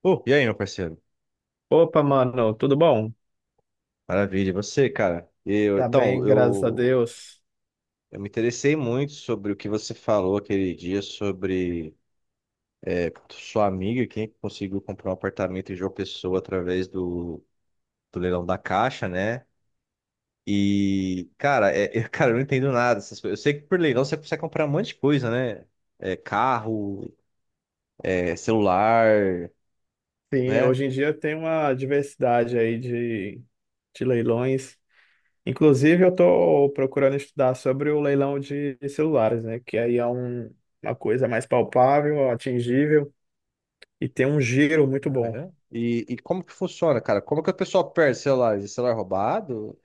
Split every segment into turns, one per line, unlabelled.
Pô, e aí, meu parceiro?
Opa, mano, tudo bom?
Maravilha, e você, cara? Eu,
Tá
então,
bem, graças a
eu,
Deus.
eu me interessei muito sobre o que você falou aquele dia sobre sua amiga, quem conseguiu comprar um apartamento em João Pessoa através do leilão da Caixa, né? E, cara, eu, cara, eu não entendo nada dessas coisas. Eu sei que por leilão você consegue comprar um monte de coisa, né? Carro, celular,
Sim,
né?
hoje em dia tem uma diversidade aí de leilões. Inclusive, eu tô procurando estudar sobre o leilão de celulares, né? Que aí é uma coisa mais palpável, atingível e tem um giro muito
Ah,
bom.
é? E, como que funciona, cara? Como que o pessoal perde celular? É celular roubado?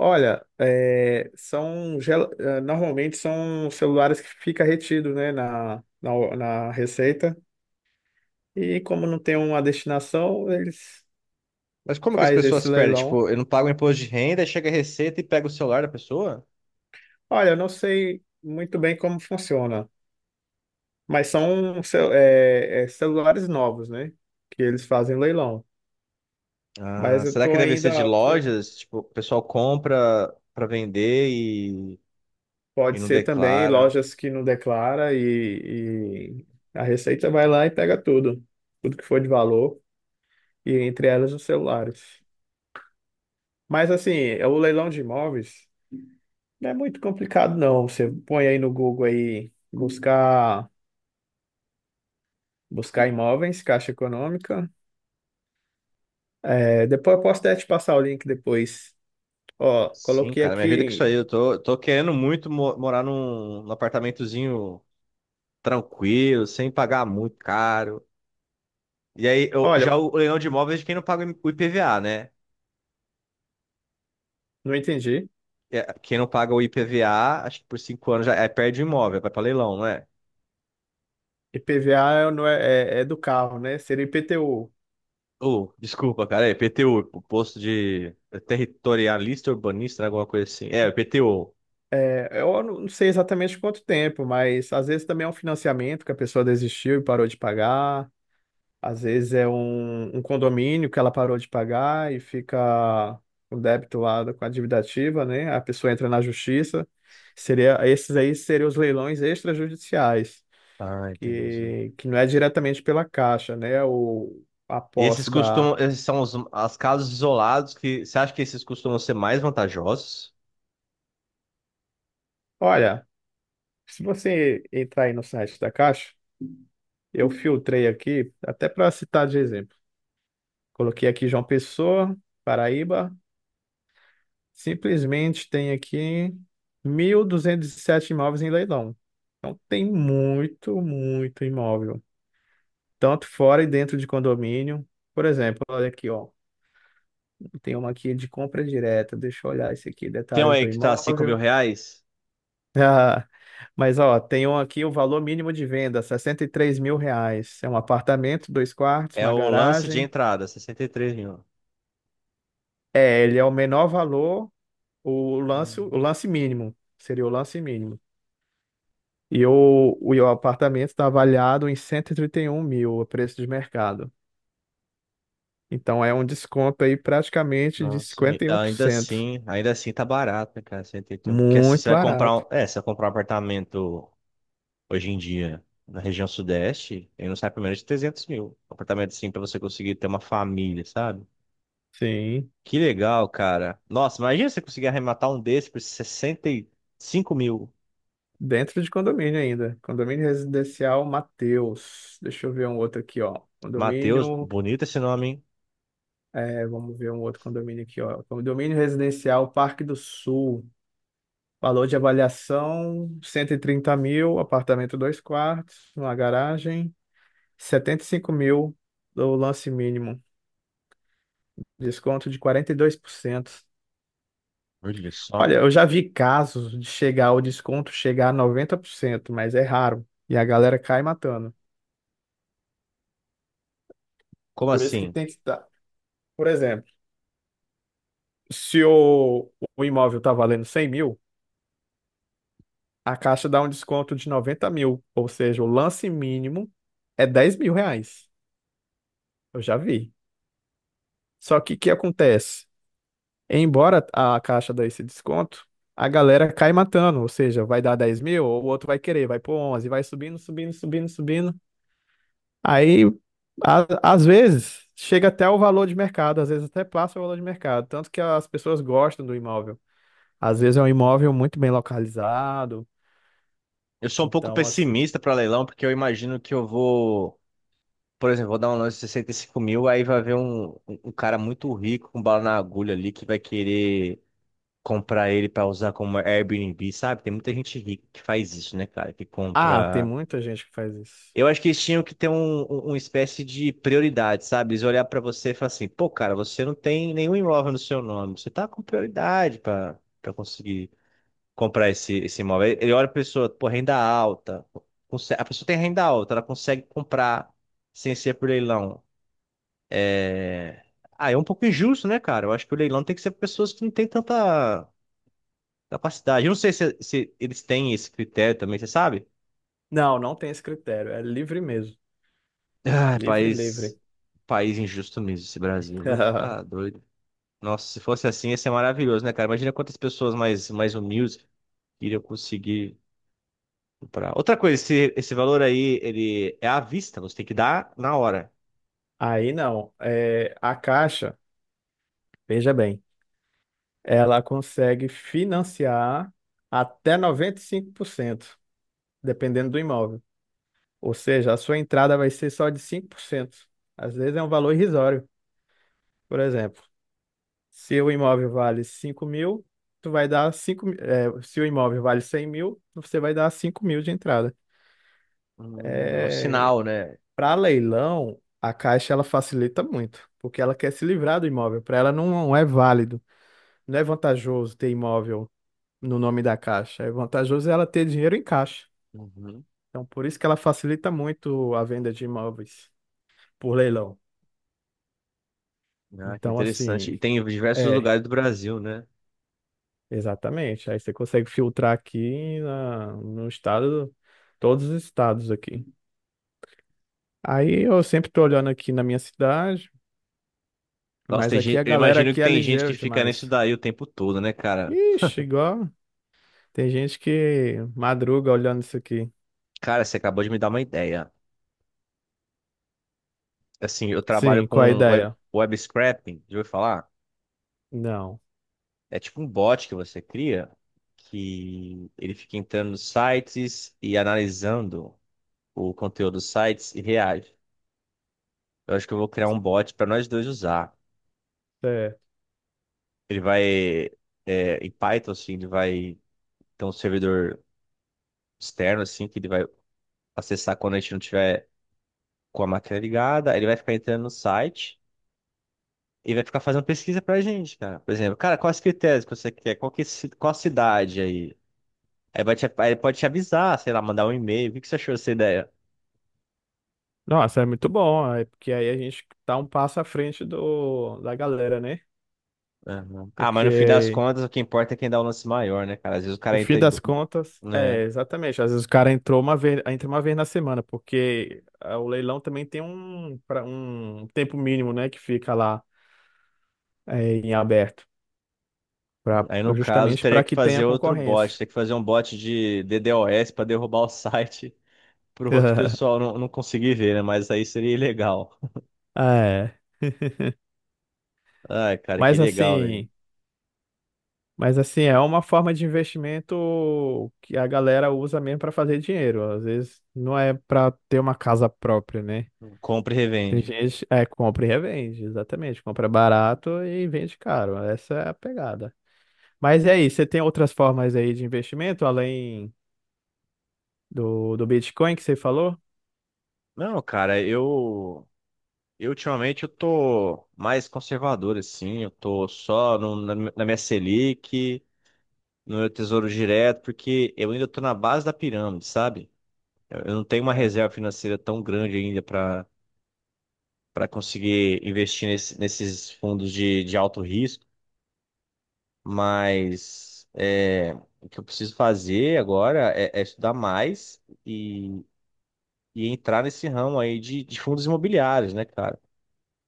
Olha, é, normalmente são celulares que fica retido, né, na receita. E como não tem uma destinação, eles
Mas como que as
faz
pessoas
esse
perdem?
leilão.
Tipo, eu não pago imposto de renda, aí chega a receita e pega o celular da pessoa?
Olha, eu não sei muito bem como funciona, mas são cel- é, é, celulares novos, né? Que eles fazem leilão.
Ah,
Mas eu
será
tô
que deve ser de
ainda.
lojas? Tipo, o pessoal compra pra vender e
Pode
não
ser também
declara.
lojas que não declara e a Receita vai lá e pega tudo, tudo que for de valor, e entre elas os celulares. Mas assim, é o leilão de imóveis não é muito complicado, não. Você põe aí no Google aí buscar imóveis, Caixa Econômica. É, depois eu posso até te passar o link depois. Ó,
Sim,
coloquei
cara, me ajuda com isso aí.
aqui.
Eu tô querendo muito morar num apartamentozinho tranquilo, sem pagar muito caro. E aí,
Olha,
já o leilão de imóveis é de quem não paga o IPVA, né?
não entendi.
É, quem não paga o IPVA, acho que por 5 anos já perde o imóvel, vai pra leilão, não é?
IPVA não é do carro, né? Seria IPTU.
Oh, desculpa, cara. É PTU, posto de territorialista urbanista, né, alguma coisa assim. É, PTU.
É, eu não sei exatamente quanto tempo, mas às vezes também é um financiamento que a pessoa desistiu e parou de pagar. Às vezes é um condomínio que ela parou de pagar e fica com débito lá com a dívida ativa, né? A pessoa entra na justiça. Seria, esses aí seriam os leilões extrajudiciais,
Ah, entendi.
que não é diretamente pela Caixa, né? A posse da.
Esses são os as casos isolados que você acha que esses costumam ser mais vantajosos?
Olha. Se você entrar aí no site da Caixa, eu filtrei aqui, até para citar de exemplo. Coloquei aqui João Pessoa, Paraíba, simplesmente tem aqui 1.207 imóveis em leilão. Então tem muito, muito imóvel, tanto fora e dentro de condomínio. Por exemplo, olha aqui, ó, tem uma aqui de compra direta. Deixa eu olhar esse aqui,
Tem um
detalhes
aí
do
que tá 5 mil
imóvel.
reais?
Ah, mas ó, tem um aqui o valor mínimo de venda, R$ 63.000. É um apartamento, dois quartos,
É
uma
o lance de
garagem.
entrada, 63 mil.
É, ele é o menor valor, o lance, o
Hum.
lance mínimo. Seria o lance mínimo. E o apartamento está avaliado em cento e trinta e um mil, o preço de mercado. Então é um desconto aí praticamente de
Nossa. E
cinquenta e um por
ainda
cento.
assim, ainda assim tá barato, né, cara? 61. Porque assim, você
Muito
vai comprar
barato.
você vai comprar um apartamento hoje em dia, na região sudeste, ele não sai por menos de 300 mil. Um apartamento assim pra você conseguir ter uma família, sabe?
Sim.
Que legal, cara. Nossa, imagina você conseguir arrematar um desse por 65 mil.
Dentro de condomínio ainda. Condomínio residencial Mateus. Deixa eu ver um outro aqui, ó.
Matheus,
Condomínio
bonito esse nome, hein?
É, vamos ver um outro condomínio aqui, ó. Condomínio residencial Parque do Sul. Valor de avaliação: 130 mil, apartamento dois quartos, uma garagem, 75 mil do lance mínimo, desconto de 42%.
Olha só.
Olha, eu já vi casos de chegar o desconto chegar a 90%, mas é raro. E a galera cai matando.
Como
Por isso que
assim?
tem que estar. Por exemplo, se o imóvel está valendo 100 mil, a Caixa dá um desconto de 90.000, ou seja, o lance mínimo é R$ 10.000. Eu já vi. Só que o que acontece? Embora a Caixa dê esse desconto, a galera cai matando, ou seja, vai dar 10.000, o outro vai querer, vai pôr 11, vai subindo, subindo, subindo, subindo. Aí, a- às vezes, chega até o valor de mercado, às vezes até passa o valor de mercado, tanto que as pessoas gostam do imóvel. Às vezes é um imóvel muito bem localizado,
Eu sou um pouco
então assim...
pessimista para leilão, porque eu imagino que por exemplo, vou dar um lance de 65 mil, aí vai ver um cara muito rico com bala na agulha ali que vai querer comprar ele para usar como Airbnb, sabe? Tem muita gente rica que faz isso, né, cara? Que
Ah, tem
compra.
muita gente que faz isso.
Eu acho que eles tinham que ter uma espécie de prioridade, sabe? Eles olhar para você e falar assim: pô, cara, você não tem nenhum imóvel no seu nome, você tá com prioridade para conseguir comprar esse imóvel. Ele olha a pessoa, pô, renda alta. A pessoa tem renda alta, ela consegue comprar sem ser por leilão. É... Ah, é um pouco injusto, né, cara? Eu acho que o leilão tem que ser para pessoas que não têm tanta capacidade. Eu não sei se eles têm esse critério também, você sabe?
Não, não tem esse critério. É livre mesmo.
Ah,
Livre, livre.
país injusto mesmo, esse Brasil, viu? Tá doido. Nossa, se fosse assim, ia ser maravilhoso, né, cara? Imagina quantas pessoas mais humildes iriam conseguir comprar. Outra coisa, esse valor aí, ele é à vista, você tem que dar na hora.
Aí não. É, a Caixa, veja bem, ela consegue financiar até 95%, dependendo do imóvel. Ou seja, a sua entrada vai ser só de 5%. Às vezes é um valor irrisório. Por exemplo, se o imóvel vale 5.000, tu vai dar 5. Se o imóvel vale 100.000, você vai dar 5.000 de entrada.
É um
É.
sinal, né?
Para leilão, a Caixa ela facilita muito, porque ela quer se livrar do imóvel. Para ela não é válido, não é vantajoso ter imóvel no nome da Caixa. É vantajoso ela ter dinheiro em caixa.
Uhum.
Então, por isso que ela facilita muito a venda de imóveis por leilão.
Ah, que
Então,
interessante.
assim,
E tem em diversos
é,
lugares do Brasil, né?
exatamente. Aí você consegue filtrar aqui na, no estado, todos os estados aqui. Aí eu sempre tô olhando aqui na minha cidade,
Nossa,
mas
tem
aqui
gente,
a
eu
galera
imagino que
aqui é
tem gente que
ligeira
fica nisso
demais.
daí o tempo todo, né, cara?
Ixi, igual. Tem gente que madruga olhando isso aqui.
Cara, você acabou de me dar uma ideia. Assim, eu trabalho
Sim, qual a
com web,
ideia?
web scraping, já ouviu falar?
Não.
É tipo um bot que você cria que ele fica entrando nos sites e analisando o conteúdo dos sites e reage. Eu acho que eu vou criar um bot para nós dois usar.
É.
Ele vai, em Python, assim, ele vai ter um servidor externo, assim, que ele vai acessar quando a gente não tiver com a máquina ligada. Ele vai ficar entrando no site e vai ficar fazendo pesquisa pra gente, cara. Por exemplo, cara, quais critérios que você quer? Qual que, é ci- qual cidade aí? Aí pode te avisar, sei lá, mandar um e-mail. O que que você achou dessa ideia?
Nossa, é muito bom, é porque aí a gente tá um passo à frente do, da galera, né?
Aham. Ah, mas no fim das
Porque
contas, o que importa é quem dá o lance maior, né, cara? Às vezes o
no
cara
fim
entra, em
das
do-
contas,
né?
é, exatamente. Às vezes o cara entrou uma vez, entra uma vez na semana, porque o leilão também tem um tempo mínimo, né, que fica lá é, em aberto, pra,
Aí no caso,
justamente
teria
para
que
que tenha
fazer outro bot,
concorrência.
teria que fazer um bot de DDoS para derrubar o site pro outro pessoal não conseguir ver, né? Mas aí seria ilegal.
É.
Ai, cara, que
Mas
legal, velho.
assim. Mas assim, é uma forma de investimento que a galera usa mesmo para fazer dinheiro. Às vezes não é para ter uma casa própria, né?
Compra e
Tem
revende.
gente, é, compra e revende, exatamente. Compra barato e vende caro. Essa é a pegada. Mas é isso, você tem outras formas aí de investimento além do Bitcoin que você falou?
Não, cara, eu ultimamente eu tô mais conservador, assim. Eu tô só na minha Selic, no meu tesouro direto, porque eu ainda estou na base da pirâmide, sabe? Eu não tenho uma reserva
Certo.
financeira tão grande ainda para conseguir investir nesses fundos de alto risco, mas o que eu preciso fazer agora é estudar mais e entrar nesse ramo aí de fundos imobiliários, né, cara?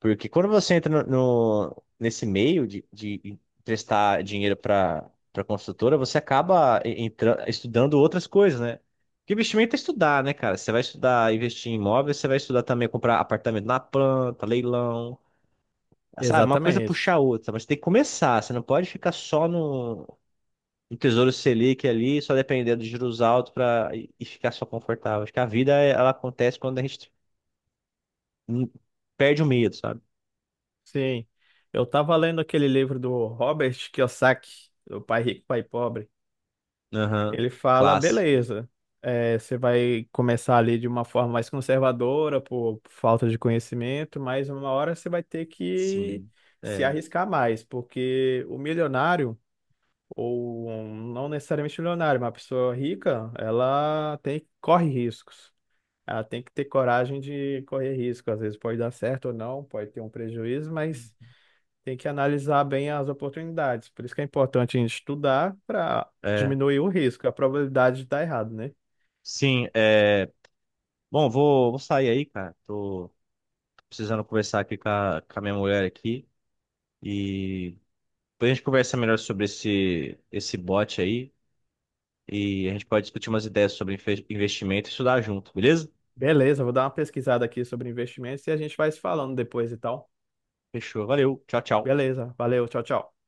Porque quando você entra nesse meio de emprestar dinheiro para construtora, você estudando outras coisas, né? Porque investimento é estudar, né, cara? Você vai estudar investir em imóveis, você vai estudar também comprar apartamento na planta, leilão, sabe? Uma coisa puxa
Exatamente.
a outra, mas tem que começar. Você não pode ficar só no Tesouro Selic ali, só dependendo de juros altos para e ficar só confortável. Acho que a vida ela acontece quando a gente hum, perde o medo, sabe?
Sim. Eu tava lendo aquele livro do Robert Kiyosaki, do Pai Rico, Pai Pobre.
Aham,
Ele fala,
classe.
beleza, é, você vai começar ali de uma forma mais conservadora, por falta de conhecimento, mas uma hora você vai ter que
Sim.
se
É.
arriscar mais, porque o milionário, ou não necessariamente milionário, mas uma pessoa rica, ela tem, corre riscos. Ela tem que ter coragem de correr risco. Às vezes pode dar certo ou não, pode ter um prejuízo, mas tem que analisar bem as oportunidades. Por isso que é importante a gente estudar para
É.
diminuir o risco, a probabilidade de dar errado, né?
Sim, é. Bom, vou sair aí, cara. Tô precisando conversar aqui com com a minha mulher aqui. E depois a gente conversa melhor sobre esse bot aí. E a gente pode discutir umas ideias sobre investimento e estudar junto, beleza?
Beleza, vou dar uma pesquisada aqui sobre investimentos e a gente vai se falando depois e tal.
Fechou. Valeu. Tchau, tchau.
Beleza, valeu, tchau, tchau.